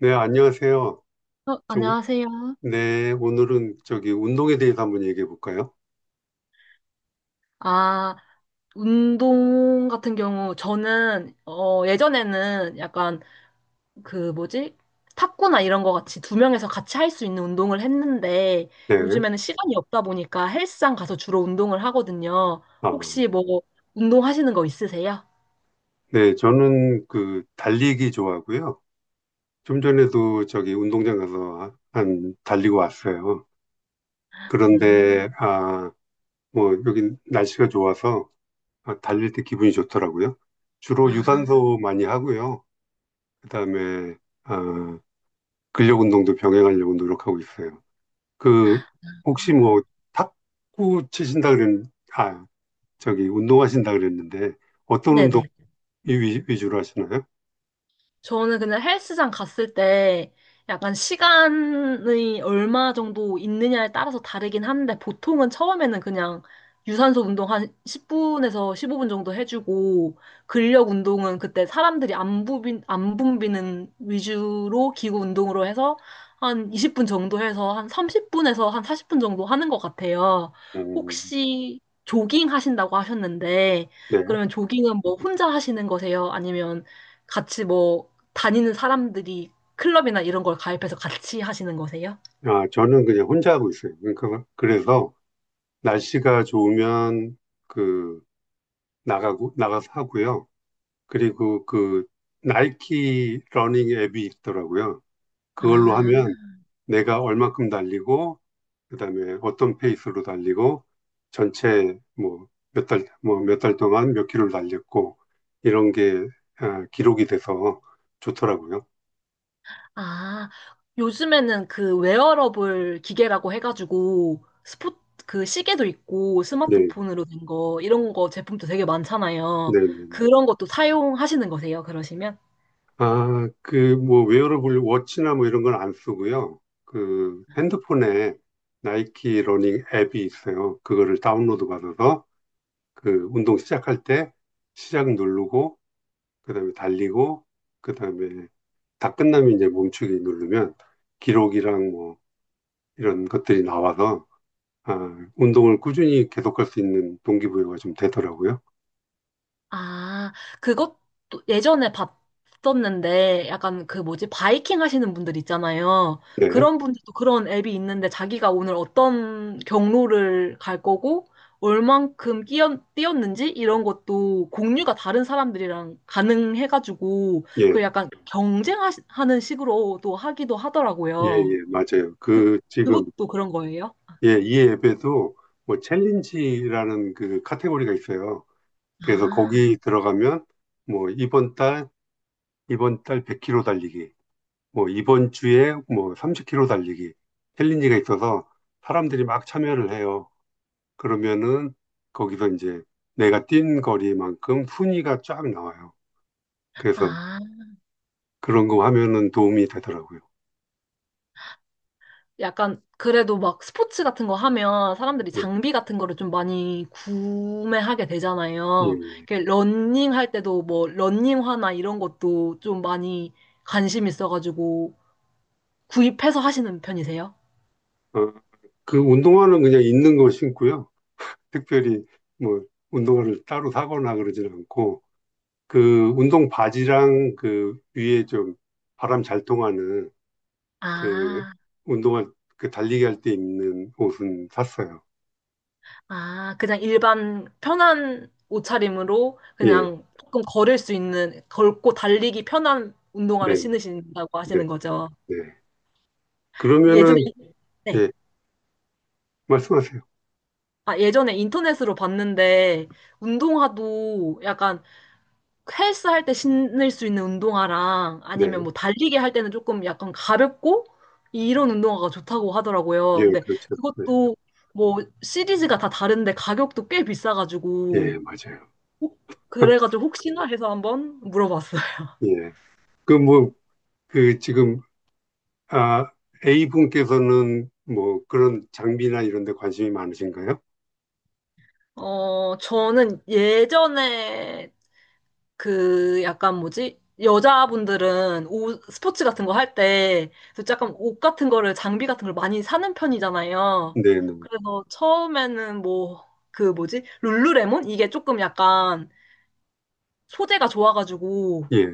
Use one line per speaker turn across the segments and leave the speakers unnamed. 네, 안녕하세요.
어,
좀,
안녕하세요.
네, 오늘은 저기 운동에 대해서 한번 얘기해 볼까요?
아, 운동 같은 경우, 저는, 예전에는 약간 그 뭐지? 탁구나 이런 거 같이 두 명에서 같이 할 수 있는 운동을 했는데,
네,
요즘에는 시간이 없다 보니까 헬스장 가서 주로 운동을 하거든요.
아,
혹시 뭐, 운동하시는 거 있으세요?
네, 저는 그 달리기 좋아하고요. 좀 전에도 저기 운동장 가서 한 달리고 왔어요. 그런데,
음,
아, 뭐, 여기 날씨가 좋아서 아, 달릴 때 기분이 좋더라고요. 주로
아,
유산소 많이 하고요. 그다음에, 아, 근력 운동도 병행하려고 노력하고 있어요. 그, 혹시 뭐, 탁구 치신다 그랬, 아, 저기 운동하신다 그랬는데 어떤 운동
네네.
위주로 하시나요?
저는 그냥 헬스장 갔을 때 약간 시간이 얼마 정도 있느냐에 따라서 다르긴 한데 보통은 처음에는 그냥 유산소 운동 한 10분에서 15분 정도 해주고 근력 운동은 그때 사람들이 안 붐비는 위주로 기구 운동으로 해서 한 20분 정도 해서 한 30분에서 한 40분 정도 하는 것 같아요.
음,
혹시 조깅 하신다고 하셨는데
네.
그러면 조깅은 뭐 혼자 하시는 거세요? 아니면 같이 뭐 다니는 사람들이 클럽이나 이런 걸 가입해서 같이 하시는 거세요?
아, 저는 그냥 혼자 하고 있어요. 그러니까 그래서 날씨가 좋으면 그 나가고 나가서 하고요. 그리고 그 나이키 러닝 앱이 있더라고요. 그걸로
아,
하면 내가 얼만큼 달리고 그다음에 어떤 페이스로 달리고 전체 뭐 몇 달, 뭐 몇 달 동안 몇 킬로를 달렸고 이런 게 아, 기록이 돼서 좋더라고요.
아, 요즘에는 그 웨어러블 기계라고 해가지고 스포 그 시계도 있고
네,
스마트폰으로 된 거 이런 거 제품도 되게 많잖아요.
네, 네.
그런 것도 사용하시는 거세요? 그러시면?
아, 그 뭐 웨어러블 워치나 뭐 이런 건 안 쓰고요. 그 핸드폰에 나이키 러닝 앱이 있어요. 그거를 다운로드 받아서 그 운동 시작할 때 시작 누르고 그다음에 달리고 그다음에 다 끝나면 이제 멈추기 누르면 기록이랑 뭐 이런 것들이 나와서 아, 운동을 꾸준히 계속할 수 있는 동기부여가 좀 되더라고요.
아, 그것도 예전에 봤었는데 약간 그 뭐지 바이킹 하시는 분들 있잖아요.
네,
그런 분들도 그런 앱이 있는데 자기가 오늘 어떤 경로를 갈 거고 얼만큼 뛰었는지 이런 것도 공유가 다른 사람들이랑 가능해가지고
예,
그 약간 경쟁하는 식으로도 하기도
예,
하더라고요.
예, 맞아요. 그 지금
그것도 그런 거예요?
예, 이 앱에도 뭐 챌린지라는 그 카테고리가 있어요. 그래서
아,
거기 들어가면 뭐 이번 달 100km 달리기, 뭐 이번 주에 뭐 30km 달리기 챌린지가 있어서 사람들이 막 참여를 해요. 그러면은 거기서 이제 내가 뛴 거리만큼 순위가 쫙 나와요. 그래서
아.
그런 거 하면은 도움이 되더라고요.
약간 그래도 막 스포츠 같은 거 하면 사람들이
네.
장비 같은 거를 좀 많이 구매하게
예.
되잖아요.
예.
이렇게 러닝 할 때도 뭐 러닝화나 이런 것도 좀 많이 관심 있어가지고 구입해서 하시는 편이세요?
어, 그 운동화는 그냥 있는 거 신고요. 특별히 뭐 운동화를 따로 사거나 그러진 않고 그 운동 바지랑 그 위에 좀 바람 잘 통하는 그
아,
운동화 그 달리기 할 때 입는 옷은 샀어요.
아, 그냥 일반 편한 옷차림으로
예.
그냥 조금 걸을 수 있는, 걸고 달리기 편한 운동화를
네.
신으신다고
네.
하시는 거죠.
네.
예전에,
그러면은
네.
예. 말씀하세요.
아, 예전에 인터넷으로 봤는데, 운동화도 약간 헬스 할 때 신을 수 있는 운동화랑 아니면
네.
뭐 달리기 할 때는 조금 약간 가볍고 이런 운동화가 좋다고
예,
하더라고요. 근데
그렇죠. 네.
그것도 뭐 시리즈가 다 다른데 가격도 꽤 비싸가지고,
예, 맞아요.
혹- 그래가지고 혹시나 해서 한번 물어봤어요.
예. 그 뭐, 그 지금, 아, A분께서는 뭐 그런 장비나 이런 데 관심이 많으신가요?
저는 예전에 그 약간 뭐지? 여자분들은 옷, 스포츠 같은 거 할 때, 그래서 약간 옷 같은 거를, 장비 같은 걸 많이 사는 편이잖아요.
네, 네.
그래서 처음에는 뭐, 그 뭐지? 룰루레몬? 이게 조금 약간 소재가 좋아가지고
예,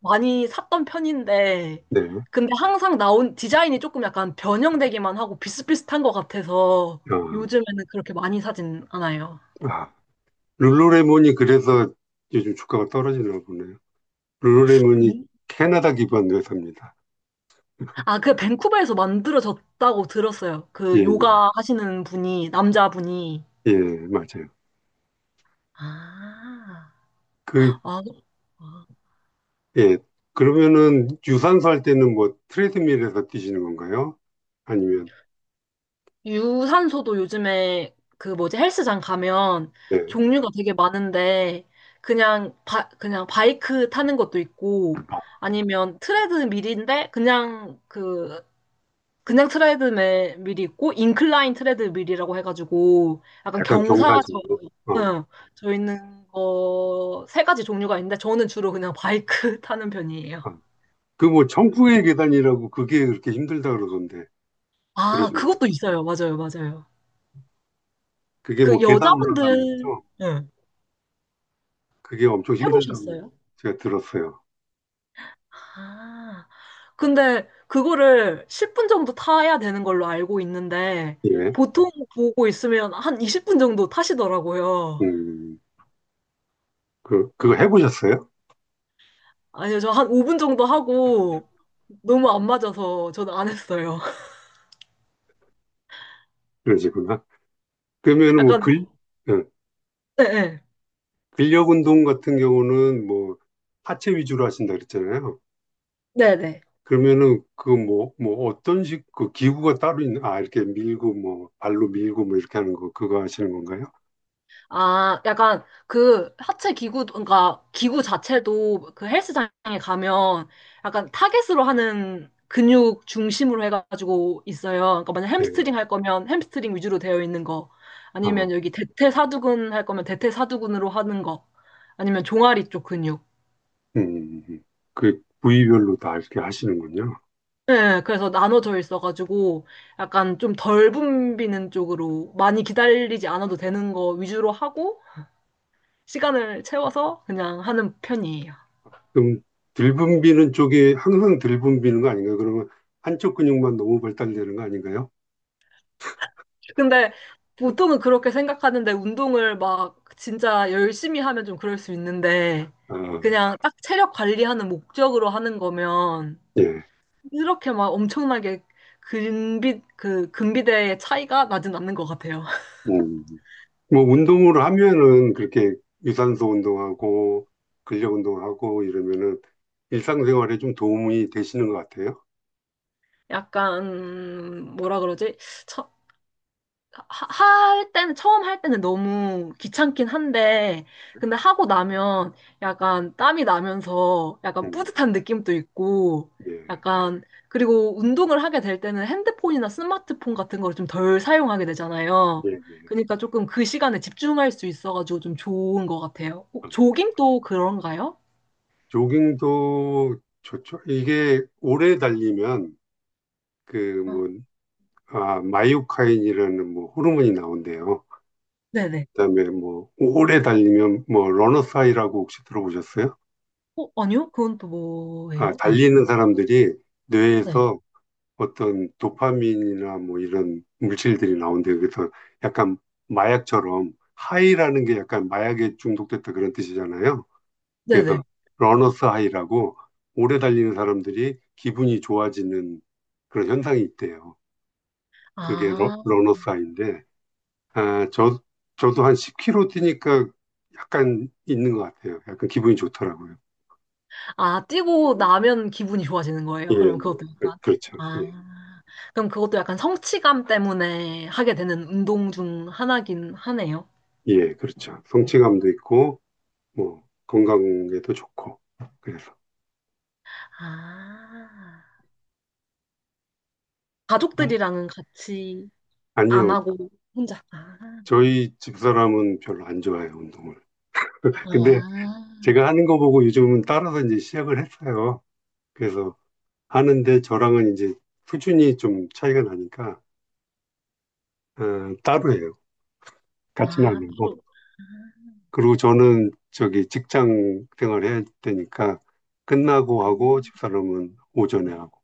많이 샀던 편인데,
네.
근데 항상 나온 디자인이 조금 약간 변형되기만 하고 비슷비슷한 것 같아서
아,
요즘에는 그렇게 많이 사진 않아요.
아, 룰루레몬이 그래서 요즘 주가가 떨어지나 보네요. 룰루레몬이 캐나다 기반 회사입니다.
아, 그 밴쿠버에서 만들어졌다고 들었어요.
예,
그
예,
요가 하시는 분이, 남자분이.
예, 맞아요.
아,
그,
아, 아.
예. 그러면은 유산소 할 때는 뭐 트레드밀에서 뛰시는 건가요? 아니면,
유산소도 요즘에 그 뭐지 헬스장 가면
네.
종류가 되게 많은데 그냥 바이크 타는 것도 있고
아,
아니면 트레드밀인데 그냥 트레드 밀이 있고 인클라인 트레드 밀이라고 해가지고 약간
약간
경사져
경사진으로? 어.
응, 있는 거 3가지 종류가 있는데 저는 주로 그냥 바이크 타는 편이에요.
어. 그 뭐 정풍의 계단이라고 그게 그렇게 힘들다 그러던데 그러
아,
시 거예요?
그것도 있어요. 맞아요, 맞아요.
그게 뭐
그
계단 올라가는
여자분들
거죠?
응.
그게 엄청 힘들다고
해보셨어요?
제가 들었어요.
아, 근데 그거를 10분 정도 타야 되는 걸로 알고 있는데
예.
보통 보고 있으면 한 20분 정도 타시더라고요.
음. 그 그거 해보셨어요?
아니요, 저 한 5분 정도 하고 너무 안 맞아서 저는 안 했어요.
그러시구나. 그러면은 뭐
약간,
근, 예,
네, 네.
근력 운동 같은 경우는 뭐 하체 위주로 하신다 그랬잖아요.
네네.
그러면은 그 뭐 뭐 어떤 식 그 기구가 따로 있는 아 이렇게 밀고 뭐 발로 밀고 뭐 이렇게 하는 거 그거 하시는 건가요?
아, 약간 그 하체 기구, 그러니까 기구 자체도 그 헬스장에 가면 약간 타겟으로 하는 근육 중심으로 해가지고 있어요. 그러니까 만약
네.
햄스트링 할 거면 햄스트링 위주로 되어 있는 거,
아,
아니면 여기 대퇴사두근 할 거면 대퇴사두근으로 하는 거, 아니면 종아리 쪽 근육.
음, 음, 음. 그 부위별로 다 이렇게 하시는군요.
네, 그래서 나눠져 있어가지고 약간 좀 덜 붐비는 쪽으로 많이 기다리지 않아도 되는 거 위주로 하고 시간을 채워서 그냥 하는 편이에요.
그럼 들분비는 쪽이 항상 들분비는 거 아닌가요? 그러면 한쪽 근육만 너무 발달되는 거 아닌가요?
근데 보통은 그렇게 생각하는데 운동을 막 진짜 열심히 하면 좀 그럴 수 있는데
아,
그냥 딱 체력 관리하는 목적으로 하는 거면
예.
이렇게 막 엄청나게 근비대의 차이가 나진 않는 것 같아요.
음. 뭐 운동을 하면은 그렇게 유산소 운동하고 근력 운동하고 이러면은 일상생활에 좀 도움이 되시는 것 같아요.
약간, 뭐라 그러지? 처- 하- 할 때는 처음 할 때는 너무 귀찮긴 한데 근데 하고 나면 약간 땀이 나면서 약간
음.
뿌듯한 느낌도 있고
예,
약간 그리고 운동을 하게 될 때는 핸드폰이나 스마트폰 같은 걸 좀 덜 사용하게
예,
되잖아요.
예.
그러니까 조금 그 시간에 집중할 수 있어가지고 좀 좋은 것 같아요. 어,
아, 예.
조깅도 그런가요?
조깅도 좋죠. 이게 오래 달리면 그
아,
뭐, 아, 마이오카인이라는 뭐 호르몬이 나온대요.
네네.
그다음에 뭐 오래 달리면 뭐 러너스하이라고 혹시 들어보셨어요?
어, 아니요? 그건 또
아,
뭐예요? 네.
달리는 사람들이
네.
뇌에서 어떤 도파민이나 뭐 이런 물질들이 나온대요. 그래서 약간 마약처럼 하이라는 게 약간 마약에 중독됐다 그런 뜻이잖아요. 그래서
네네.
러너스 하이라고 오래 달리는 사람들이 기분이 좋아지는 그런 현상이 있대요. 그게 러,
아.
러너스 하이인데 아, 저, 저도 한 10km 뛰니까 약간 있는 것 같아요. 약간 기분이 좋더라고요.
아, 뛰고 나면 기분이 좋아지는
예,
거예요.
예. 그- 그렇죠. 예,
아, 그럼 그것도 약간 성취감 때문에 하게 되는 운동 중 하나긴 하네요.
예, 그렇죠. 성취감도 있고, 뭐, 건강에도 좋고, 그래서.
아,
음.
가족들이랑은 같이 안
아니요,
하고 혼자. 아,
저희 집사람은 별로 안 좋아해요, 운동을. 근데
아,
제가 하는 거 보고 요즘은 따라서 이제 시작을 했어요. 그래서 하는데 저랑은 이제 수준이 좀 차이가 나니까, 어, 따로 해요. 같이는 안
아,
하고.
따로.
그리고 저는 저기 직장 생활 해야 되니까 끝나고
아,
하고 집사람은 오전에 하고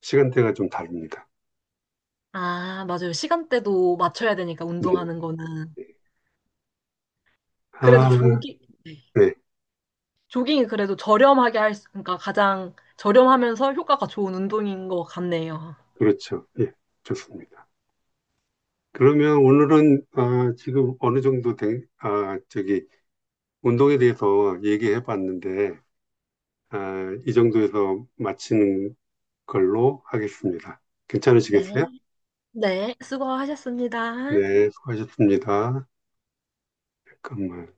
시간대가 좀 다릅니다.
아, 맞아요. 시간대도 맞춰야 되니까
예.
운동하는 거는.
예.
그래도
아,
네.
네.
조깅이 그래도 저렴하게 할 수, 그러니까 가장 저렴하면서 효과가 좋은 운동인 것 같네요.
그렇죠. 예. 좋습니다. 그러면 오늘은 아, 지금 어느 정도 된, 아, 저기 운동에 대해서 얘기해 봤는데 아, 이 정도에서 마치는 걸로 하겠습니다.
네.
괜찮으시겠어요?
네, 수고하셨습니다.
네, 수고하셨습니다. 잠깐만.